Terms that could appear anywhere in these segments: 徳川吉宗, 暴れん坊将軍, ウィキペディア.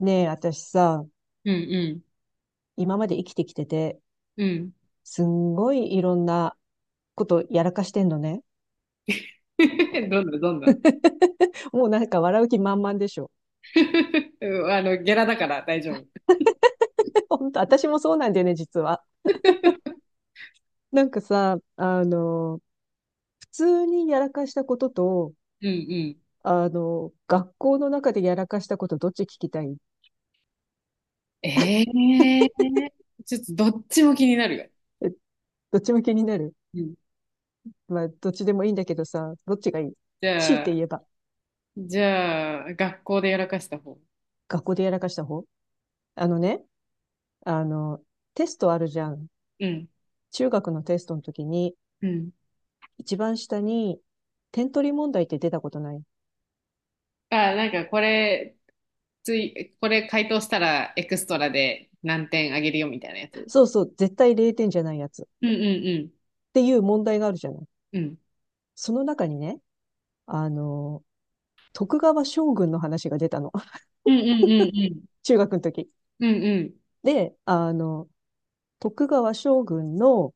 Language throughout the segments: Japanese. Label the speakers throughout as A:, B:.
A: ねえ、私さ、
B: うん
A: 今まで生きてきてて、
B: うん。うん。
A: すんごいいろんなことやらかしてんのね。
B: どんなどんな
A: もうなんか笑う気満々でしょ？
B: うんゲラだから大丈夫。
A: 本当、私もそうなんだよね、実は。なんかさ、普通にやらかしたことと、
B: うんうん。
A: 学校の中でやらかしたこと、どっち聞きたい？
B: ええ ーちょっとどっちも気になるよ。
A: え、どっちも気になる？
B: うん。
A: まあ、どっちでもいいんだけどさ、どっちがいい？
B: じ
A: 強いて
B: ゃあ、
A: 言えば、
B: じゃあ、学校でやらかした方。
A: 学校でやらかした方。あのね、あの、テストあるじゃん。
B: うん。
A: 中学のテストの時に、
B: うん。
A: 一番下に、点取り問題って出たことない？
B: あ、なんかこれ、つい、これ回答したらエクストラで何点あげるよみたいなやつ。
A: そうそう、絶対0点じゃないやつ。っ
B: うんうん
A: ていう問題があるじゃない。
B: うん。うん。
A: その中にね、あの、徳川将軍の話が出たの。
B: うんうんうんうん。
A: 中学の時。
B: うんうん。
A: で、徳川将軍の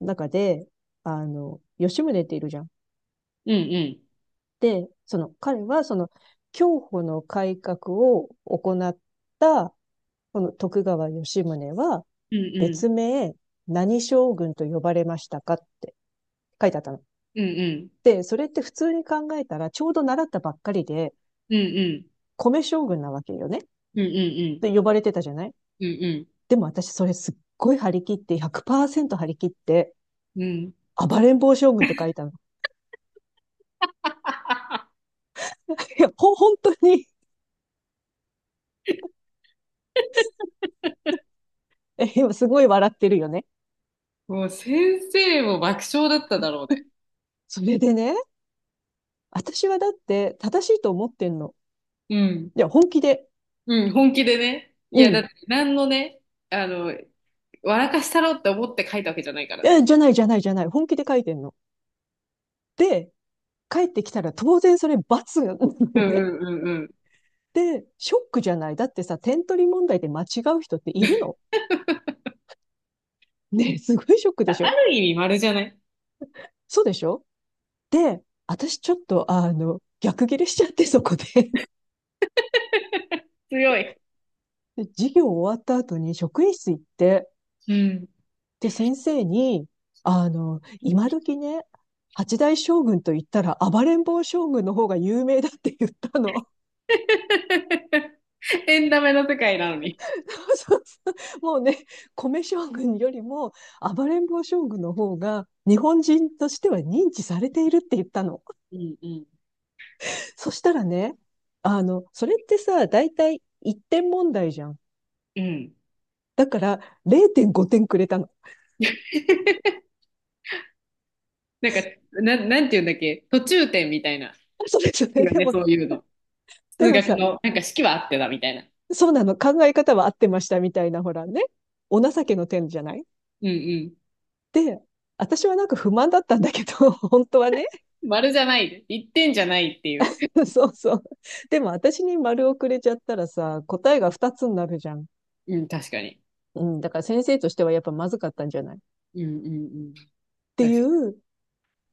A: 中で、吉宗っているじゃん。
B: うんうん。
A: で、彼は競歩の改革を行った、この徳川吉宗は、
B: うんうん。
A: 別名、何将軍と呼ばれましたかって書いてあったの。
B: うんうん。
A: で、それって普通に考えたら、ちょうど習ったばっかりで、
B: うんうん。
A: 米将軍なわけよね。っ
B: うんうん。
A: て呼ばれてたじゃない。
B: うんうん。うんうん。
A: でも私、それすっごい張り切って、100%張り切って、
B: うんうん、
A: 暴れん坊将軍って書いたの。いや、本当に。 え、今すごい笑ってるよね。
B: もう先生も爆笑だっただろうね。
A: それでね、私はだって正しいと思ってんの。
B: うん。
A: いや、本気で。
B: うん、本気でね。い
A: う
B: や、だっ
A: ん。
B: て何のね、あの、笑かしたろって思って書いたわけじゃないからね。
A: え、じゃないじゃないじゃない。本気で書いてんの。で、帰ってきたら当然それ罰が、
B: う ん
A: ね。
B: うんうんうん。
A: で、ショックじゃない。だってさ、点取り問題で間違う人っているの？ねえ、すごいショックでし
B: あ
A: ょ？
B: る意味丸じゃない？
A: そうでしょ？で、私ちょっと、逆ギレしちゃって、そこで。
B: 強い。
A: で授業終わった後に職員室行って、
B: うん。
A: で、先生に、今時ね、八代将軍と言ったら暴れん坊将軍の方が有名だって言ったの。
B: エンタメの世界なのに。
A: そうそうそう、もうね、米将軍よりも暴れん坊将軍の方が日本人としては認知されているって言ったの。
B: うんうん
A: そしたらね、それってさ、だいたい1点問題じゃん。
B: うん。
A: だから0.5点くれたの。
B: なんか、なんて言うんだっけ、途中点みたいな。
A: それ、そ
B: い
A: れ
B: や
A: で
B: ね、
A: も、
B: そういうの。
A: で
B: 数
A: も
B: 学
A: さ、
B: の、なんか式はあってだみたいな。
A: そうなの、考え方は合ってましたみたいな、ほらね、お情けの点じゃない。
B: うんう
A: で、私はなんか不満だったんだけど、本当はね。
B: ん。丸じゃない。一点じゃないっていう。
A: そうそう。でも私に丸をくれちゃったらさ、答えが2つになるじゃん。
B: うん、確かに。
A: うん、だから先生としてはやっぱまずかったんじゃないっ
B: うんうんうん。
A: て
B: 確か
A: いう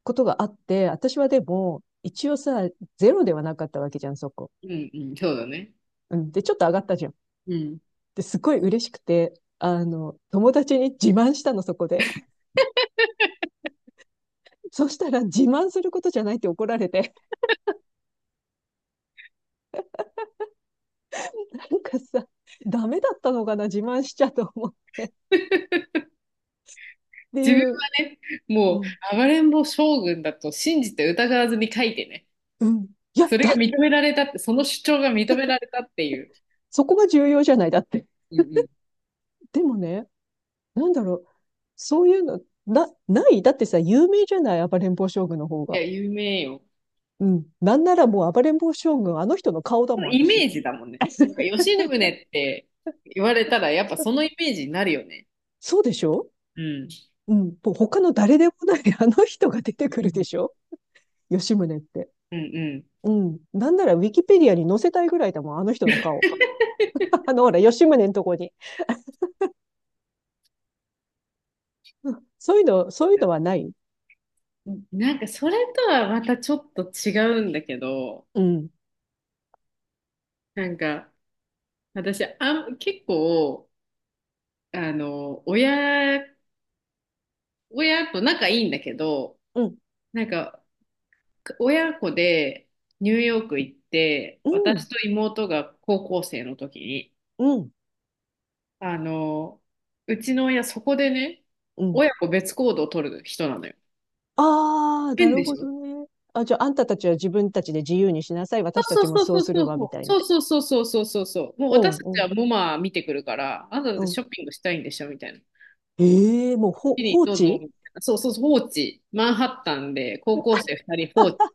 A: ことがあって、私はでも、一応さ、ゼロではなかったわけじゃん、そこ。
B: に。うんうん、そうだね。
A: うん。で、ちょっと上がったじゃん。
B: うん。
A: で、すごい嬉しくて、友達に自慢したの、そこで。そしたら、自慢することじゃないって怒られて、なんかさ、ダメだったのかな、自慢しちゃと思う。っ て
B: 自分
A: いう、
B: はね、
A: う
B: も
A: ん、
B: う、暴れん坊将軍だと信じて疑わずに書いてね。
A: うん。いや、
B: それが認められたって、その主張が認められたっていう。
A: そこが重要じゃない、だって。
B: うんうん。い
A: でもね、なんだろう、そういうの、ない。だってさ、有名じゃない、暴れん坊将軍の方
B: や、
A: が。
B: 有名よ。
A: うん。なんならもう暴れん坊将軍、あの人の顔だ
B: そ
A: も
B: の
A: ん、
B: イ
A: 私。
B: メージだもんね。なんか、吉宗って言われたら、やっぱそのイメージになるよね。
A: そうでしょ？
B: うん。
A: うん、と他の誰でもない あの人が出てく
B: う
A: るで
B: ん
A: しょ、吉宗って。
B: うん
A: うん。なんならウィキペディアに載せたいぐらいだもん、あの人の顔。ほら、吉宗のとこに。うん、そういうの、そういうのはない？
B: うん。なんか、それとはまたちょっと違うんだけど、
A: うん。
B: なんか、私、あん、結構、あの、親、親と仲いいんだけど、
A: うん。
B: なんか、親子でニューヨーク行って、
A: う
B: 私
A: ん。
B: と妹が高校生の時に、
A: うん。
B: あの、うちの親そこでね、
A: うん。
B: 親子別行動を取る人なのよ。
A: ああ、な
B: 変
A: る
B: で
A: ほ
B: しょ？
A: どね。あ、じゃあ、あんたたちは自分たちで自由にしなさい。私た
B: そう
A: ちも
B: そう
A: そ
B: そ
A: う
B: う
A: す
B: そ
A: る
B: う
A: わ、みたいな。
B: そうそうそうそうそうそうそうそうもう
A: う
B: 私
A: ん
B: た
A: う
B: ち
A: ん、
B: はモマ見てくるからあなただっ
A: う
B: て
A: ん。
B: ショッピングしたいんでしょみたいな。
A: ええもう、
B: チ
A: 放
B: リどうぞ
A: 置。
B: みたいな。そう、放置、マンハッタンで高校生2人放置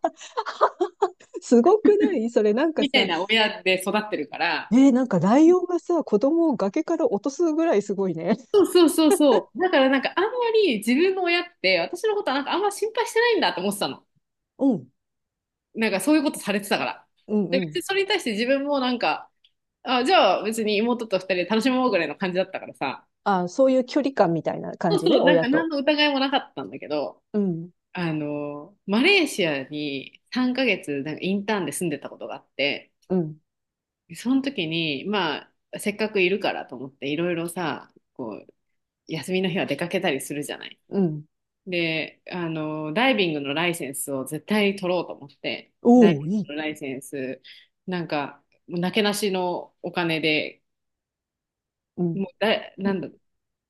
A: すごくない、それ？なんか
B: みたい
A: さ、
B: な親で育ってるから、
A: なんかライオンがさ、子供を崖から落とすぐらいすごいね。
B: そう。だからなんかあんまり自分の親って私のことはなんかあんま心配してないんだと思ってたの。
A: うん、
B: なんかそういうことされてたから。
A: うん、
B: で、
A: う
B: 別
A: ん。
B: にそれに対して自分もなんか、あ、じゃあ別に妹と二人で楽しもうぐらいの感じだったからさ。
A: あ、そういう距離感みたいな感
B: そう
A: じね、
B: そう、なん
A: 親
B: か
A: と。
B: 何の疑いもなかったんだけど、
A: うん、
B: あの、マレーシアに3ヶ月なんかインターンで住んでたことがあって、
A: うん、
B: その時に、まあ、せっかくいるからと思っていろいろさ、こう、休みの日は出かけたりするじゃない。
A: うん。
B: で、あの、ダイビングのライセンスを絶対取ろうと思って、ダイ
A: おお、
B: ビン
A: いい。
B: グのライセンス、なんか、もうなけなしのお金で、
A: うん。
B: もうだ、なんだ、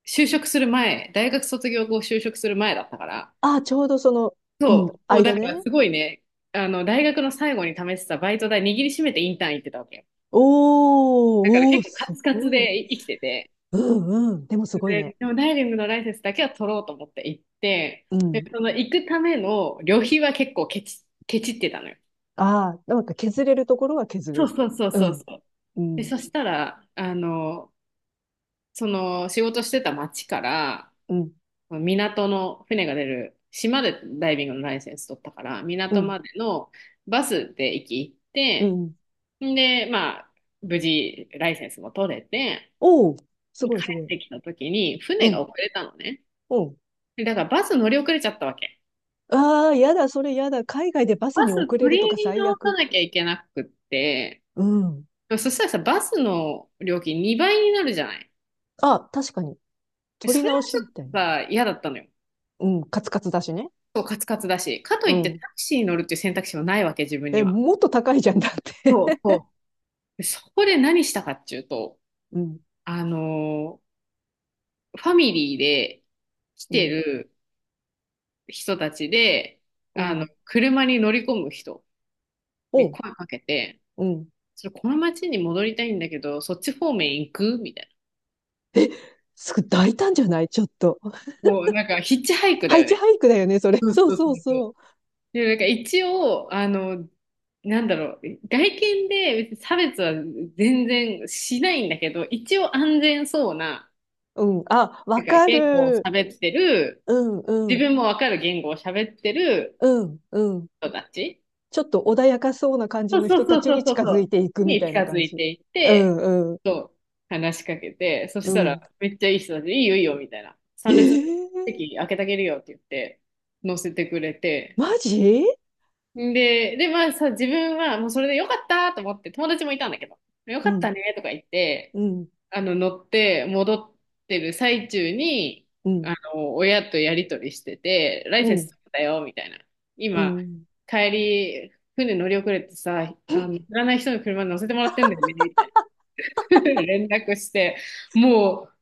B: 就職する前、大学卒業後就職する前だったから、
A: あ、ちょうどうん、
B: そう、もう
A: 間
B: だから
A: ね。
B: すごいね、大学の最後に試してたバイト代握りしめてインターン行ってたわけよ。だから
A: おー、おー、
B: 結構カ
A: す
B: ツカツ
A: ごい。
B: で生きてて、
A: うんうん。でもすごいね。
B: でもダイビングのライセンスだけは取ろうと思って行って、
A: う
B: で、
A: ん。
B: その行くための旅費は結構ケチってたのよ。
A: ああ、なんか削れるところは削
B: そう
A: る。
B: そうそう
A: う
B: そう
A: ん、
B: そう。
A: う
B: で、
A: ん、
B: そしたら、あの、その仕事してた町から、
A: うん、
B: 港の船が出る、島でダイビングのライセンス取ったから、
A: う
B: 港
A: ん、
B: までのバスで駅行っ
A: う
B: て、
A: ん。
B: んで、まあ、無事ライセンスも取れて、
A: おー、す
B: 帰っ
A: ごいすごい。
B: てきた時に
A: う
B: 船が
A: ん、
B: 遅れたのね。
A: うん。
B: でだからバス乗り遅れちゃったわけ。
A: ああ、やだ、それやだ。海外でバス
B: バ
A: に
B: ス
A: 遅れ
B: 取
A: るとか
B: り
A: 最
B: 直さ
A: 悪。
B: なきゃいけなくって、
A: うん。
B: そしたらさ、バスの料金2倍になるじゃない。
A: あ、確かに。取り
B: それも
A: 直
B: ち
A: し
B: ょ
A: み
B: っ
A: たい
B: と
A: な。
B: さ、嫌だったのよ。
A: うん、カツカツだしね。
B: そう、カツカツだし、かと
A: う
B: いってタ
A: ん。
B: クシーに乗るっていう選択肢はないわけ、自分
A: え、
B: には。
A: もっと高いじゃんだって。
B: そう そうでそこで何したかっていうと、
A: うん、
B: あのーファミリーで来
A: う
B: て
A: ん、
B: る人たちで、
A: う
B: あの、
A: ん、
B: 車に乗り込む人
A: う
B: に
A: ん、
B: 声かけて、
A: うん。
B: それこの町に戻りたいんだけど、そっち方面行くみたい
A: え、すぐ大胆じゃないちょっと。
B: な。もうなんかヒッチハイク
A: ハ
B: だ
A: イ
B: よ
A: チ
B: ね。
A: ハイクだよね、それ。
B: そう。そ
A: そう
B: うそう
A: そう
B: そう
A: そう。
B: でもなんか一応、あの、なんだろう、外見で別に差別は全然しないんだけど、一応安全そうな、
A: うん。あ、
B: な
A: わ
B: んか
A: か
B: 言語を
A: る。
B: 喋ってる、
A: うん、う
B: 自
A: ん、
B: 分もわかる言語を喋ってる
A: うん、うん。
B: 人たち、
A: ちょっと穏やかそうな感じ
B: そう
A: の
B: そう
A: 人た
B: そう
A: ち
B: そう
A: に
B: そ
A: 近
B: う、そ
A: づいていく
B: う
A: み
B: に
A: たい
B: 近
A: な
B: づ
A: 感
B: い
A: じ。
B: ていっ
A: う
B: て、
A: ん、うん、
B: そう話しかけて、そ
A: う
B: した
A: ん。
B: らめっちゃいい人たちで、いいよいいよみたいな、
A: え
B: 3列目
A: ー、
B: 席開けてあげるよって言って、乗せてくれて、
A: マジ？
B: で、まあさ、自分はもうそれでよかったと思って、友達もいたんだけど、よ
A: う
B: かった
A: ん、
B: ねとか言って、
A: うん、
B: あの、乗って戻ってる最中に、
A: うん、
B: あの、親とやりとりしてて、ライ
A: う
B: センス
A: ん、
B: 取ったよ、みたいな。
A: う
B: 今、
A: ん、
B: 帰り、船乗り遅れてさ、あの、知らない人の車に乗せてもらってんだよね、みたいな。連絡して、もう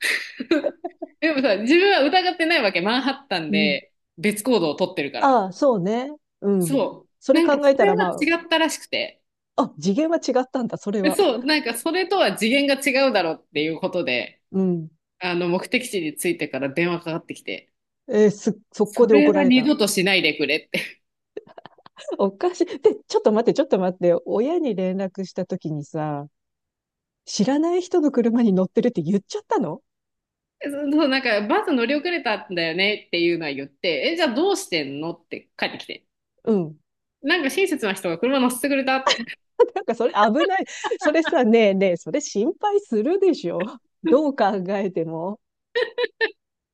B: でもさ、自分は疑ってないわけ。マンハッタン
A: うん、
B: で別行動を取ってるから。
A: ああ、そうね。うん。
B: そ
A: そ
B: う。
A: れ
B: なんか、
A: 考
B: そ
A: えた
B: れ
A: ら、
B: は
A: ま
B: 違ったらしくて。
A: あ、あ、次元は違ったんだ、それ
B: え
A: は。
B: そう、なんかそれとは次元が違うだろうっていうことで、
A: うん。
B: あの、目的地に着いてから電話かかってきて、
A: えーす、速攻
B: そ
A: で
B: れ
A: 怒ら
B: は
A: れ
B: 二
A: た。
B: 度としないでくれって。
A: おかしい。で、ちょっと待って、ちょっと待って。親に連絡した時にさ、知らない人の車に乗ってるって言っちゃったの？
B: そう、そうなんかバス乗り遅れたんだよねっていうのは言って、え、じゃあどうしてんのって帰ってきて。
A: うん。
B: なんか親切な人が車乗せてくれたって。
A: なんかそれ危ない。それさ、ねえねえ、それ心配するでしょ。どう 考えても。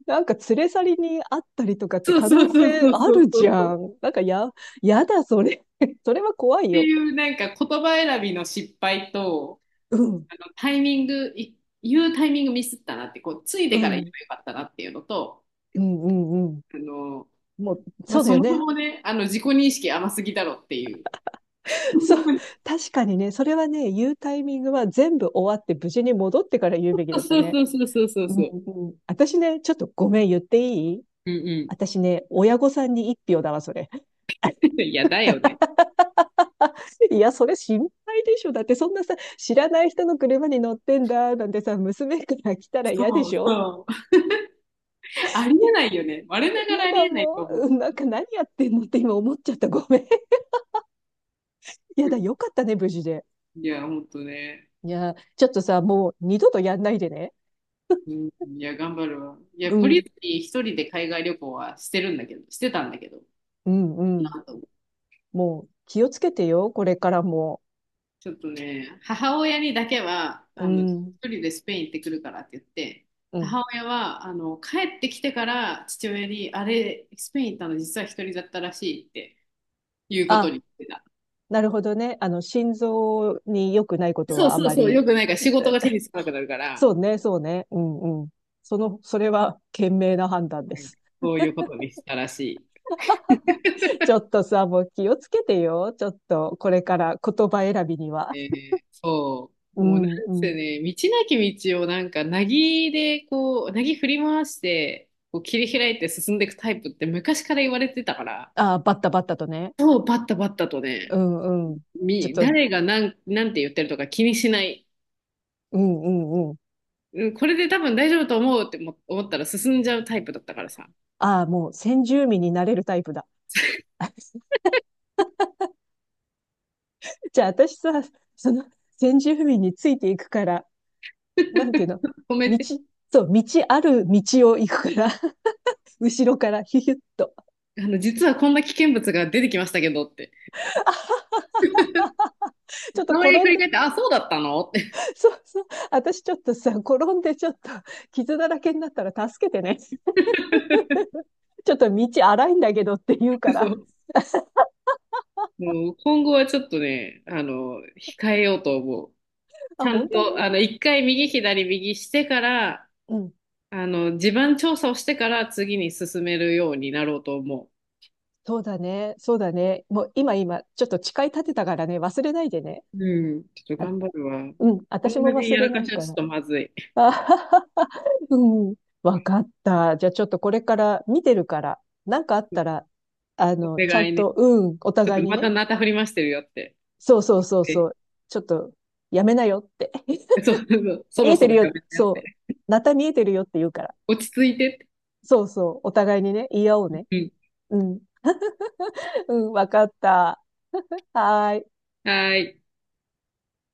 A: なんか連れ去りにあったりとかって
B: そう
A: 可
B: そ
A: 能
B: うそう
A: 性
B: そう
A: あ
B: そ
A: る
B: うそ
A: じ
B: うそ
A: ゃ
B: う。
A: ん。なんかやだ、それ。それは怖
B: っ
A: い
B: て
A: よ。
B: いうなんか言葉選びの失敗と、
A: うん、
B: あのタイミング、言うタイミングミスったなって、こう、つい
A: う
B: てから言え
A: ん。
B: ばよかったなっていうのと、
A: うんうんうん。
B: あの、
A: もう、
B: ま
A: そ
B: あ、
A: うだ
B: そ
A: よ
B: もそ
A: ね。
B: もね、あの、自己認識甘すぎだろっていう。
A: そう。確かにね、それはね、言うタイミングは全部終わって無事に戻ってから言う
B: そ
A: べきだ
B: う
A: ったね。
B: そうそうそうそう
A: うん
B: そう。
A: うん。私ね、ちょっとごめん言っていい？
B: うんう
A: 私ね、親御さんに一票だわ、それ。
B: ん。いや、だよね。
A: いや、それ心配でしょ。だってそんなさ、知らない人の車に乗ってんだ、なんてさ、娘から来たら嫌で
B: そう
A: しょ？
B: そう。あり
A: いや、
B: えないよね。我ながら
A: 嫌
B: あり
A: だ
B: えない
A: も
B: と思う。
A: う。うん、なんか何やってんのって今思っちゃった。ごめん。いやだ、よかったね、無事で。
B: いや、ほんとね。
A: いや、ちょっとさ、もう二度とやんないでね。
B: うん、いや、頑張るわ。いや、
A: う
B: 懲り
A: ん、
B: ずに一人で海外旅行はしてるんだけど、してたんだけど、
A: うん、うん。
B: なんと
A: もう気をつけてよ、これからも。
B: ちょっとね、母親にだけは、
A: う
B: あの、一
A: ん、
B: 人でスペイン行ってくるからって言って、
A: うん。
B: 母親は、あの、帰ってきてから父親に、あれ、スペイン行ったの実は一人だったらしいっていうこと
A: あ、
B: に言ってた。
A: なるほどね。心臓に良くないこと
B: そう
A: はあ
B: そう
A: ま
B: そう、
A: り、
B: よくないから仕事
A: え、
B: が手につかなくなるから、
A: そうね、そうね。うん、うん。それは 賢明な判断で
B: うん
A: す。
B: そういうことにしたらし
A: ちょっとさ、もう気をつけてよ。ちょっと、これから言葉選びには。
B: い。えーそ
A: う
B: う。もうなん
A: ん、う
B: せ
A: ん。
B: ね、道なき道をなんか、なぎでこう、なぎ振り回して、こう切り開いて進んでいくタイプって昔から言われてたから、
A: ああ、バッタバッタとね。
B: そう、バッタバッタと
A: う
B: ね、
A: ん、うん。ちょっ
B: み、
A: と、う
B: 誰がなん、なんて言ってるとか気にしない。
A: ん、うん、うん。
B: うんこれで多分大丈夫と思うっても思ったら進んじゃうタイプだったからさ。
A: ああ、もう先住民になれるタイプだ。じゃあ私さ、その先住民についていくから、なんていうの、
B: 止め
A: 道、
B: て。
A: そう、道ある道を行くから、後ろからヒュヒュッと。
B: あの、実はこんな危険物が出てきましたけどって。
A: ちょっと
B: たまに
A: 転
B: 振
A: ん
B: り
A: で、
B: 返って、あ、そうだったのって。
A: そうそう、私ちょっとさ、転んでちょっと傷だらけになったら助けてね。ちょっと道荒いんだけどって言うか
B: そ
A: ら。
B: う。もう今後はちょっとね、あの、控えようと思う。ち
A: あ、
B: ゃ
A: 本
B: ん
A: 当
B: と、
A: に？
B: あの、一回右左右してから、
A: うん。
B: あの、地盤調査をしてから次に進めるようになろうと思
A: そうだね。そうだね。もう今、ちょっと誓い立てたからね、忘れないでね。
B: う。うん。ちょっ
A: あ、
B: と頑張るわ。
A: うん。
B: 同
A: 私も
B: じ
A: 忘
B: や
A: れ
B: ら
A: な
B: か
A: い
B: しは
A: か
B: ちょっ
A: ら。
B: とまずい。
A: あはははうん。わかった。じゃあちょっとこれから見てるから、なんかあったら、
B: お
A: ちゃ
B: 願い
A: ん
B: ね。
A: と、うん、お
B: ちょっ
A: 互
B: と
A: いに
B: また
A: ね。
B: なた振りましてるよって。
A: そうそうそうそ
B: え、
A: う。ちょっと、やめなよって。
B: そう、そ
A: 見
B: ろ
A: え
B: そ
A: てる
B: ろや
A: よ。
B: めてやっ
A: そ
B: て。
A: う。また見えてるよって言うから。
B: 落ち着いてって。
A: そうそう。お互いにね、言い合おうね。
B: うん。
A: うん。うん、わかった。はーい。
B: はーい。